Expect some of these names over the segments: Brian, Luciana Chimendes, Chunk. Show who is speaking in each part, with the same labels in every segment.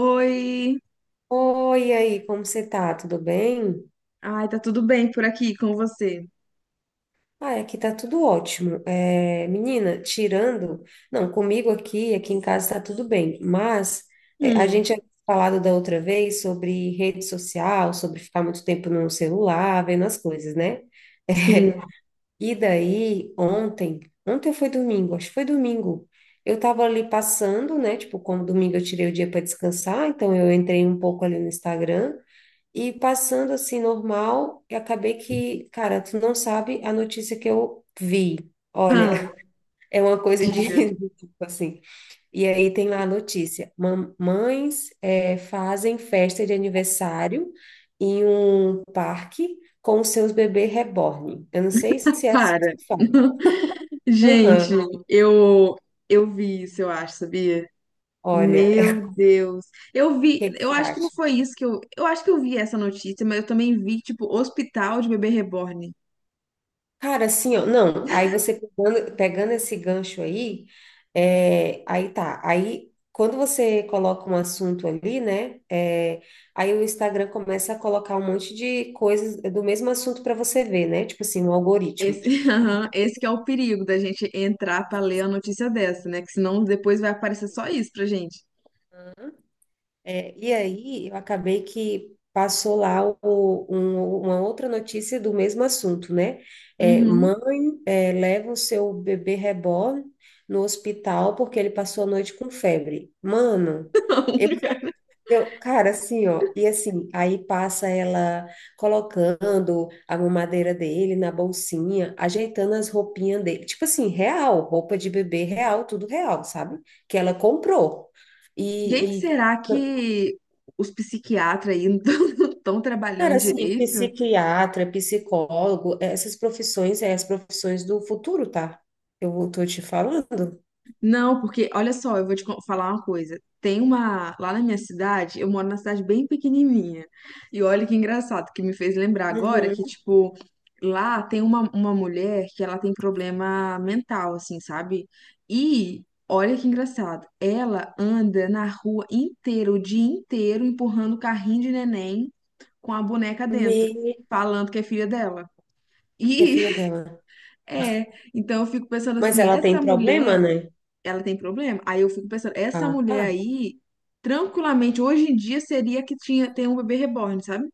Speaker 1: Oi!
Speaker 2: Oi, e aí, como você tá? Tudo bem?
Speaker 1: Ai, tá tudo bem por aqui com você?
Speaker 2: Ah, aqui tá tudo ótimo. Menina, tirando, não, comigo aqui, em casa tá tudo bem, mas a
Speaker 1: Hum,
Speaker 2: gente tinha falado da outra vez sobre rede social, sobre ficar muito tempo no celular, vendo as coisas, né?
Speaker 1: sim.
Speaker 2: E daí, ontem foi domingo, acho que foi domingo. Eu tava ali passando, né? Tipo, como domingo eu tirei o dia para descansar, então eu entrei um pouco ali no Instagram. E passando assim normal, eu acabei que, cara, tu não sabe a notícia que eu vi. Olha,
Speaker 1: Ah,
Speaker 2: é uma coisa de
Speaker 1: diga.
Speaker 2: de tipo assim. E aí tem lá a notícia: mamães fazem festa de aniversário em um parque com seus bebês reborn. Eu não sei se é assim que
Speaker 1: Para.
Speaker 2: se fala.
Speaker 1: Gente,
Speaker 2: Aham.
Speaker 1: eu eu vi isso, eu acho, sabia?
Speaker 2: Olha,
Speaker 1: Meu Deus. Eu
Speaker 2: o
Speaker 1: vi,
Speaker 2: que que
Speaker 1: eu
Speaker 2: você
Speaker 1: acho que não
Speaker 2: acha?
Speaker 1: foi isso que eu acho que eu vi essa notícia, mas eu também vi, tipo, hospital de bebê reborn.
Speaker 2: Cara, assim, ó, não, aí você pegando esse gancho aí, aí tá, aí quando você coloca um assunto ali, né, aí o Instagram começa a colocar um monte de coisas do mesmo assunto para você ver, né, tipo assim, um algoritmo.
Speaker 1: Esse, aham, esse que é o perigo da gente entrar pra ler a notícia dessa, né? Que senão depois vai aparecer só isso pra gente.
Speaker 2: É, e aí eu acabei que passou lá uma outra notícia do mesmo assunto, né. É,
Speaker 1: Uhum.
Speaker 2: mãe, é, leva o seu bebê reborn no hospital porque ele passou a noite com febre. Mano... Eu, cara, assim, ó, e assim, aí passa ela colocando a mamadeira dele na bolsinha, ajeitando as roupinhas dele, tipo assim, real, roupa de bebê real, tudo real, sabe? Que ela comprou.
Speaker 1: Gente,
Speaker 2: E
Speaker 1: será que os psiquiatras aí não estão
Speaker 2: cara,
Speaker 1: trabalhando
Speaker 2: assim,
Speaker 1: direito?
Speaker 2: psiquiatra, psicólogo, essas profissões, é as profissões do futuro, tá? Eu tô te falando.
Speaker 1: Não, porque olha só, eu vou te falar uma coisa. Tem uma. Lá na minha cidade, eu moro numa cidade bem pequenininha. E olha que engraçado, que me fez lembrar agora que,
Speaker 2: Uhum.
Speaker 1: tipo, lá tem uma mulher que ela tem problema mental, assim, sabe? E olha que engraçado, ela anda na rua inteira, o dia inteiro, empurrando o carrinho de neném com a boneca dentro,
Speaker 2: Me...
Speaker 1: falando que é filha dela.
Speaker 2: E a filha
Speaker 1: E
Speaker 2: dela.
Speaker 1: é, então eu fico pensando
Speaker 2: Mas
Speaker 1: assim,
Speaker 2: ela tem
Speaker 1: essa
Speaker 2: problema,
Speaker 1: mulher,
Speaker 2: né?
Speaker 1: ela tem problema? Aí eu fico pensando, essa
Speaker 2: Ah,
Speaker 1: mulher
Speaker 2: tá.
Speaker 1: aí, tranquilamente, hoje em dia seria que tinha, tem um bebê reborn, sabe?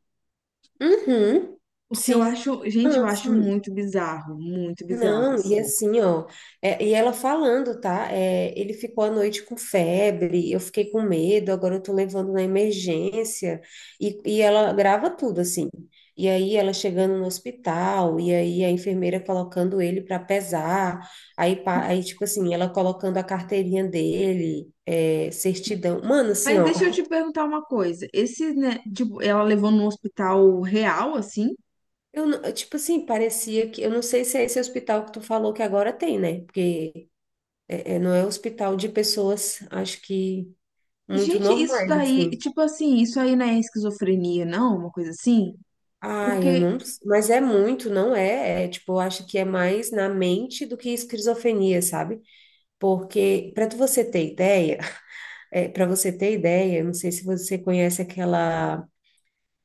Speaker 2: Uhum,
Speaker 1: Porque eu
Speaker 2: sim.
Speaker 1: acho, gente, eu
Speaker 2: Ah,
Speaker 1: acho
Speaker 2: sim.
Speaker 1: muito bizarro,
Speaker 2: Não,
Speaker 1: assim.
Speaker 2: e assim, ó, e ela falando, tá? É, ele ficou à noite com febre, eu fiquei com medo, agora eu tô levando na emergência, e ela grava tudo, assim. E aí ela chegando no hospital, e aí a enfermeira colocando ele para pesar, aí, pa- aí, tipo assim, ela colocando a carteirinha dele, é, certidão. Mano, assim,
Speaker 1: Mas
Speaker 2: ó.
Speaker 1: deixa eu te perguntar uma coisa. Esse, né, tipo, ela levou num hospital real, assim?
Speaker 2: Eu, não- tipo assim, parecia que. Eu não sei se é esse hospital que tu falou que agora tem, né? Porque é, é, não é hospital de pessoas, acho que muito
Speaker 1: Gente, isso
Speaker 2: normais,
Speaker 1: daí,
Speaker 2: assim.
Speaker 1: tipo assim, isso aí não é esquizofrenia, não? Uma coisa assim?
Speaker 2: Ah, eu
Speaker 1: Porque,
Speaker 2: não. Mas é muito, não é? É, tipo, eu acho que é mais na mente do que esquizofrenia, sabe? Porque, para você ter ideia, é, para você ter ideia, eu não sei se você conhece aquela.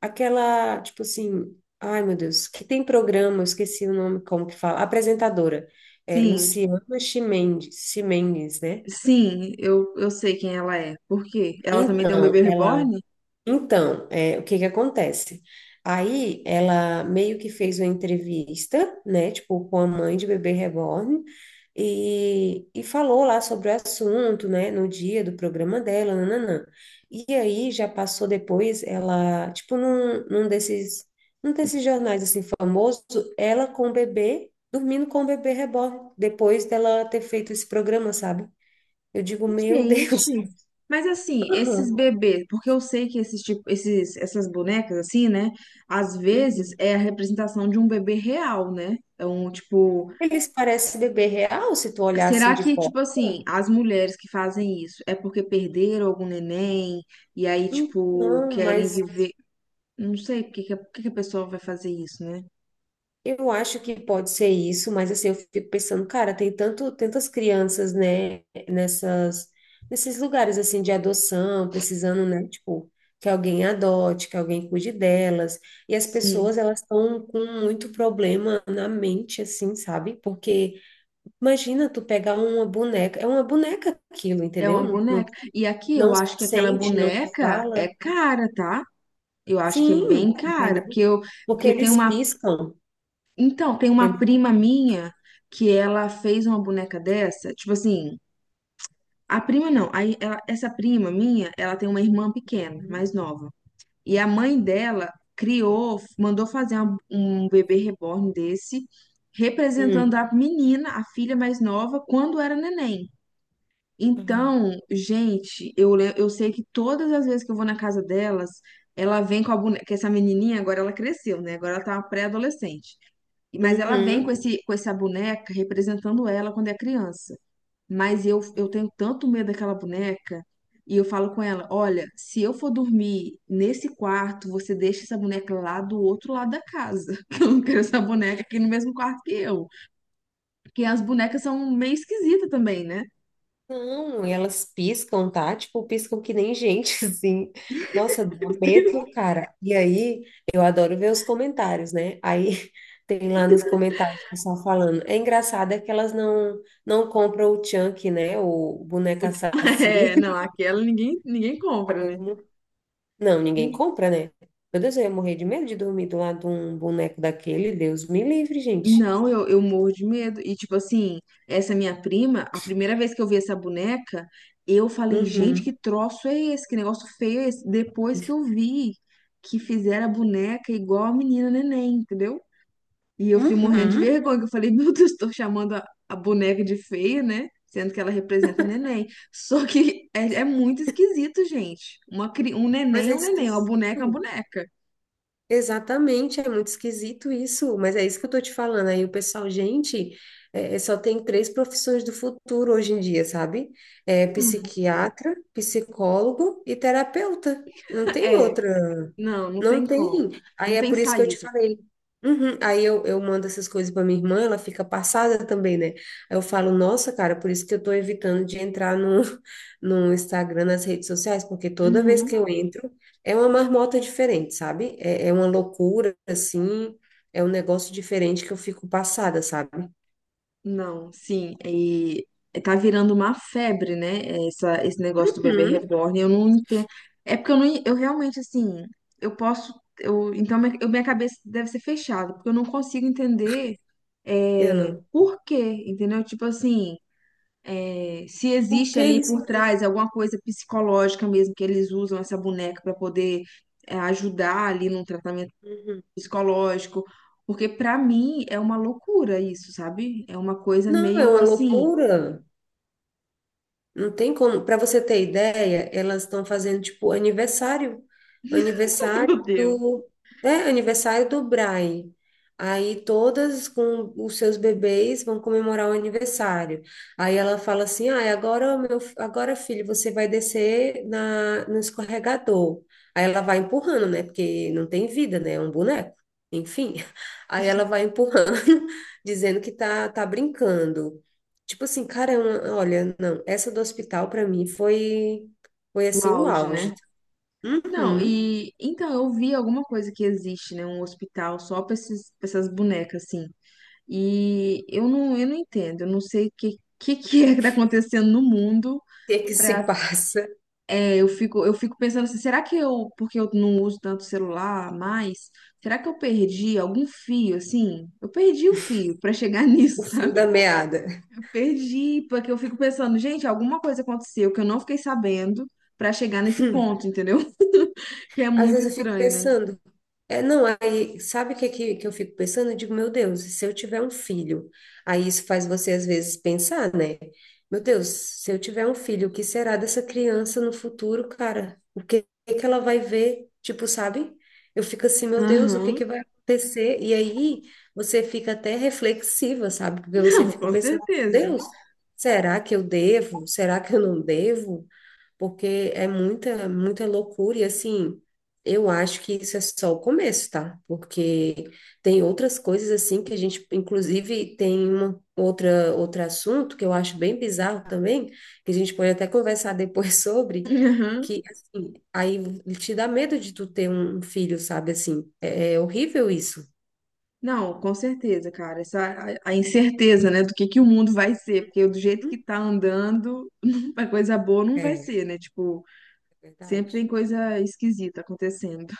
Speaker 2: Aquela, tipo assim. Ai, meu Deus, que tem programa, eu esqueci o nome, como que fala? Apresentadora. É,
Speaker 1: sim.
Speaker 2: Luciana Chimendes, Chimendes, né?
Speaker 1: Sim, eu sei quem ela é. Por quê? Ela também tem um
Speaker 2: Então,
Speaker 1: bebê
Speaker 2: ela.
Speaker 1: reborn?
Speaker 2: Então, é, o que que acontece? Aí ela meio que fez uma entrevista, né, tipo, com a mãe de bebê reborn e falou lá sobre o assunto, né, no dia do programa dela, nananã. E aí já passou depois, ela, tipo, num desses jornais, assim, famoso, ela com o bebê, dormindo com o bebê reborn, depois dela ter feito esse programa, sabe? Eu digo, meu Deus.
Speaker 1: Gente, mas assim, esses
Speaker 2: Aham.
Speaker 1: bebês, porque eu sei que esses tipo, esses, essas bonecas assim, né? Às vezes
Speaker 2: Uhum.
Speaker 1: é a representação de um bebê real, né? É um tipo,
Speaker 2: Eles parecem bebê real, se tu olhar assim
Speaker 1: será
Speaker 2: de
Speaker 1: que tipo
Speaker 2: costas.
Speaker 1: assim, as mulheres que fazem isso é porque perderam algum neném e aí tipo
Speaker 2: Não,
Speaker 1: querem
Speaker 2: mas
Speaker 1: viver, não sei por que que a por que que a pessoa vai fazer isso, né?
Speaker 2: eu acho que pode ser isso, mas assim, eu fico pensando, cara, tem tanto, tantas crianças, né, nesses lugares, assim, de adoção, precisando, né, tipo, que alguém adote, que alguém cuide delas, e as pessoas,
Speaker 1: Sim.
Speaker 2: elas estão com muito problema na mente, assim, sabe? Porque, imagina tu pegar uma boneca, é uma boneca aquilo,
Speaker 1: É
Speaker 2: entendeu?
Speaker 1: uma
Speaker 2: Não, não
Speaker 1: boneca. E aqui
Speaker 2: não
Speaker 1: eu acho que aquela
Speaker 2: sente, não
Speaker 1: boneca é
Speaker 2: fala.
Speaker 1: cara, tá? Eu acho que é bem
Speaker 2: Sim,
Speaker 1: cara, porque
Speaker 2: entendeu?
Speaker 1: eu,
Speaker 2: Porque
Speaker 1: porque tem
Speaker 2: eles
Speaker 1: uma,
Speaker 2: piscam,
Speaker 1: então, tem uma
Speaker 2: entendeu?
Speaker 1: prima minha que ela fez uma boneca dessa, tipo assim, a prima não, aí essa prima minha, ela tem uma irmã pequena,
Speaker 2: Hum,
Speaker 1: mais nova. E a mãe dela criou, mandou fazer um bebê reborn desse, representando
Speaker 2: hum.
Speaker 1: a menina, a filha mais nova, quando era neném.
Speaker 2: Uhum.
Speaker 1: Então, gente, eu, eu sei que todas as vezes que eu vou na casa delas, ela vem com a boneca, que essa menininha agora ela cresceu, né? Agora ela tá uma pré-adolescente. Mas ela vem
Speaker 2: Uhum.
Speaker 1: com esse, com essa boneca representando ela quando é criança. Mas eu tenho tanto medo daquela boneca. E eu falo com ela: olha, se eu for dormir nesse quarto, você deixa essa boneca lá do outro lado da casa. Que eu não quero essa boneca aqui no mesmo quarto que eu. Porque as bonecas são meio esquisitas também, né?
Speaker 2: Não, e elas piscam, tá? Tipo, piscam que nem gente, assim. Nossa, dá um medo, cara. E aí, eu adoro ver os comentários, né? Aí tem lá nos comentários o pessoal falando. É engraçado é que elas não compram o Chunk, né? O
Speaker 1: O
Speaker 2: boneco
Speaker 1: é, não,
Speaker 2: assassino.
Speaker 1: aquela ninguém, ninguém compra,
Speaker 2: Todo
Speaker 1: né?
Speaker 2: mundo- Não,
Speaker 1: Eu-
Speaker 2: ninguém compra, né? Meu Deus, eu ia morrer de medo de dormir do lado de um boneco daquele. Deus me livre, gente.
Speaker 1: Não, eu morro de medo. E, tipo assim, essa minha prima, a primeira vez que eu vi essa boneca, eu falei, gente, que
Speaker 2: Uhum.
Speaker 1: troço é esse? Que negócio feio é esse? Depois que eu vi que fizeram a boneca igual a menina neném, entendeu? E eu fiquei morrendo de
Speaker 2: Uhum.
Speaker 1: vergonha, que eu falei, meu Deus, estou chamando a boneca de feia, né? Sendo que ela representa neném. Só que é, é muito esquisito, gente. Uma, um
Speaker 2: Mas
Speaker 1: neném é
Speaker 2: é
Speaker 1: um neném, uma boneca é uma
Speaker 2: esquisito.
Speaker 1: boneca.
Speaker 2: Exatamente, é muito esquisito isso. Mas é isso que eu tô te falando. Aí o pessoal, gente, só tem três profissões do futuro hoje em dia, sabe? É
Speaker 1: Hum.
Speaker 2: psiquiatra, psicólogo e terapeuta. Não tem
Speaker 1: É,
Speaker 2: outra.
Speaker 1: não, não
Speaker 2: Não
Speaker 1: tem como.
Speaker 2: tem. Aí
Speaker 1: Não
Speaker 2: é
Speaker 1: tem
Speaker 2: por isso que eu te
Speaker 1: saída.
Speaker 2: falei. Uhum. Aí eu mando essas coisas para minha irmã, ela fica passada também, né? Aí eu falo, nossa, cara, por isso que eu tô evitando de entrar no, no Instagram, nas redes sociais, porque toda vez que
Speaker 1: Uhum.
Speaker 2: eu entro, é uma marmota diferente, sabe? É uma loucura, assim, é um negócio diferente que eu fico passada, sabe?
Speaker 1: Não, sim. E tá virando uma febre, né? Essa, esse negócio do bebê
Speaker 2: Uhum.
Speaker 1: reborn. Eu não entendo. É porque eu não, eu realmente, assim, eu posso. Eu, então, minha, minha cabeça deve ser fechada, porque eu não consigo entender
Speaker 2: Eu
Speaker 1: é,
Speaker 2: não.
Speaker 1: por quê, entendeu? Tipo assim, é, se
Speaker 2: Por
Speaker 1: existe
Speaker 2: que
Speaker 1: ali
Speaker 2: isso,
Speaker 1: por
Speaker 2: né?
Speaker 1: trás alguma coisa psicológica mesmo, que eles usam essa boneca para poder é, ajudar ali num tratamento
Speaker 2: Uhum.
Speaker 1: psicológico, porque pra mim é uma loucura isso, sabe? É uma coisa
Speaker 2: Não, é
Speaker 1: meio
Speaker 2: uma
Speaker 1: assim,
Speaker 2: loucura. Não tem como. Para você ter ideia, elas estão fazendo tipo aniversário, aniversário
Speaker 1: meu Deus.
Speaker 2: do, é, aniversário do Brian. Aí todas com os seus bebês vão comemorar o aniversário. Aí ela fala assim: "Ah, agora meu, agora filho, você vai descer na no escorregador". Aí ela vai empurrando, né? Porque não tem vida, né? É um boneco. Enfim. Aí ela vai empurrando, dizendo que tá brincando. Tipo assim, cara, eu- olha, não, essa do hospital pra mim foi, foi
Speaker 1: O
Speaker 2: assim, um
Speaker 1: auge, né?
Speaker 2: auge.
Speaker 1: Não,
Speaker 2: Uhum. O
Speaker 1: e então eu vi alguma coisa que existe, né? Um hospital só pra esses, pra essas bonecas, assim. E eu não entendo, eu não sei o que, que é que tá acontecendo no mundo.
Speaker 2: que é que se
Speaker 1: Pra,
Speaker 2: passa?
Speaker 1: é, eu fico pensando assim, será que eu, porque eu não uso tanto celular mais, será que eu perdi algum fio, assim? Eu perdi o fio pra chegar nisso,
Speaker 2: O fio da
Speaker 1: sabe?
Speaker 2: meada.
Speaker 1: Perdi, porque eu fico pensando, gente, alguma coisa aconteceu que eu não fiquei sabendo pra chegar nesse ponto, entendeu? Que é
Speaker 2: Às
Speaker 1: muito
Speaker 2: vezes eu fico
Speaker 1: estranho, né?
Speaker 2: pensando, não, aí, sabe o que eu fico pensando? Eu digo, meu Deus, se eu tiver um filho, aí isso faz você às vezes pensar, né? Meu Deus, se eu tiver um filho, o que será dessa criança no futuro, cara? O que, que ela vai ver? Tipo, sabe? Eu fico assim, meu Deus, o que
Speaker 1: Aham.
Speaker 2: que vai acontecer? E aí você fica até reflexiva, sabe? Porque você
Speaker 1: Não,
Speaker 2: fica
Speaker 1: com
Speaker 2: pensando,
Speaker 1: certeza.
Speaker 2: Deus, será que eu devo? Será que eu não devo? Porque é muita, muita loucura, e assim, eu acho que isso é só o começo, tá? Porque tem outras coisas assim que a gente, inclusive, tem uma outra outro assunto que eu acho bem bizarro também, que a gente pode até conversar depois sobre,
Speaker 1: Aham.
Speaker 2: que assim, aí te dá medo de tu ter um filho, sabe assim, é horrível isso.
Speaker 1: Não, com certeza, cara. Essa, a incerteza, né, do que o mundo vai ser, porque do jeito
Speaker 2: Hum?
Speaker 1: que tá andando, a coisa boa não vai
Speaker 2: É
Speaker 1: ser, né? Tipo, sempre
Speaker 2: verdade.
Speaker 1: tem coisa esquisita acontecendo.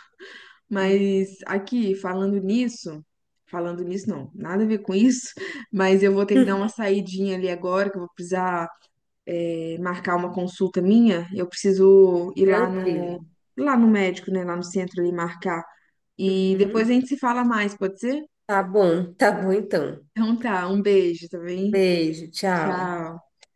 Speaker 2: Hum.
Speaker 1: Mas aqui, falando nisso não, nada a ver com isso, mas eu vou ter que dar uma saidinha ali agora, que eu vou precisar marcar uma consulta minha. Eu preciso ir
Speaker 2: Tranquilo.
Speaker 1: lá no médico, né, lá no centro ali marcar. E depois
Speaker 2: Uhum.
Speaker 1: a gente se fala mais, pode ser?
Speaker 2: Tá bom então.
Speaker 1: Então tá, um beijo, tá bem?
Speaker 2: Beijo, tchau.
Speaker 1: Tchau.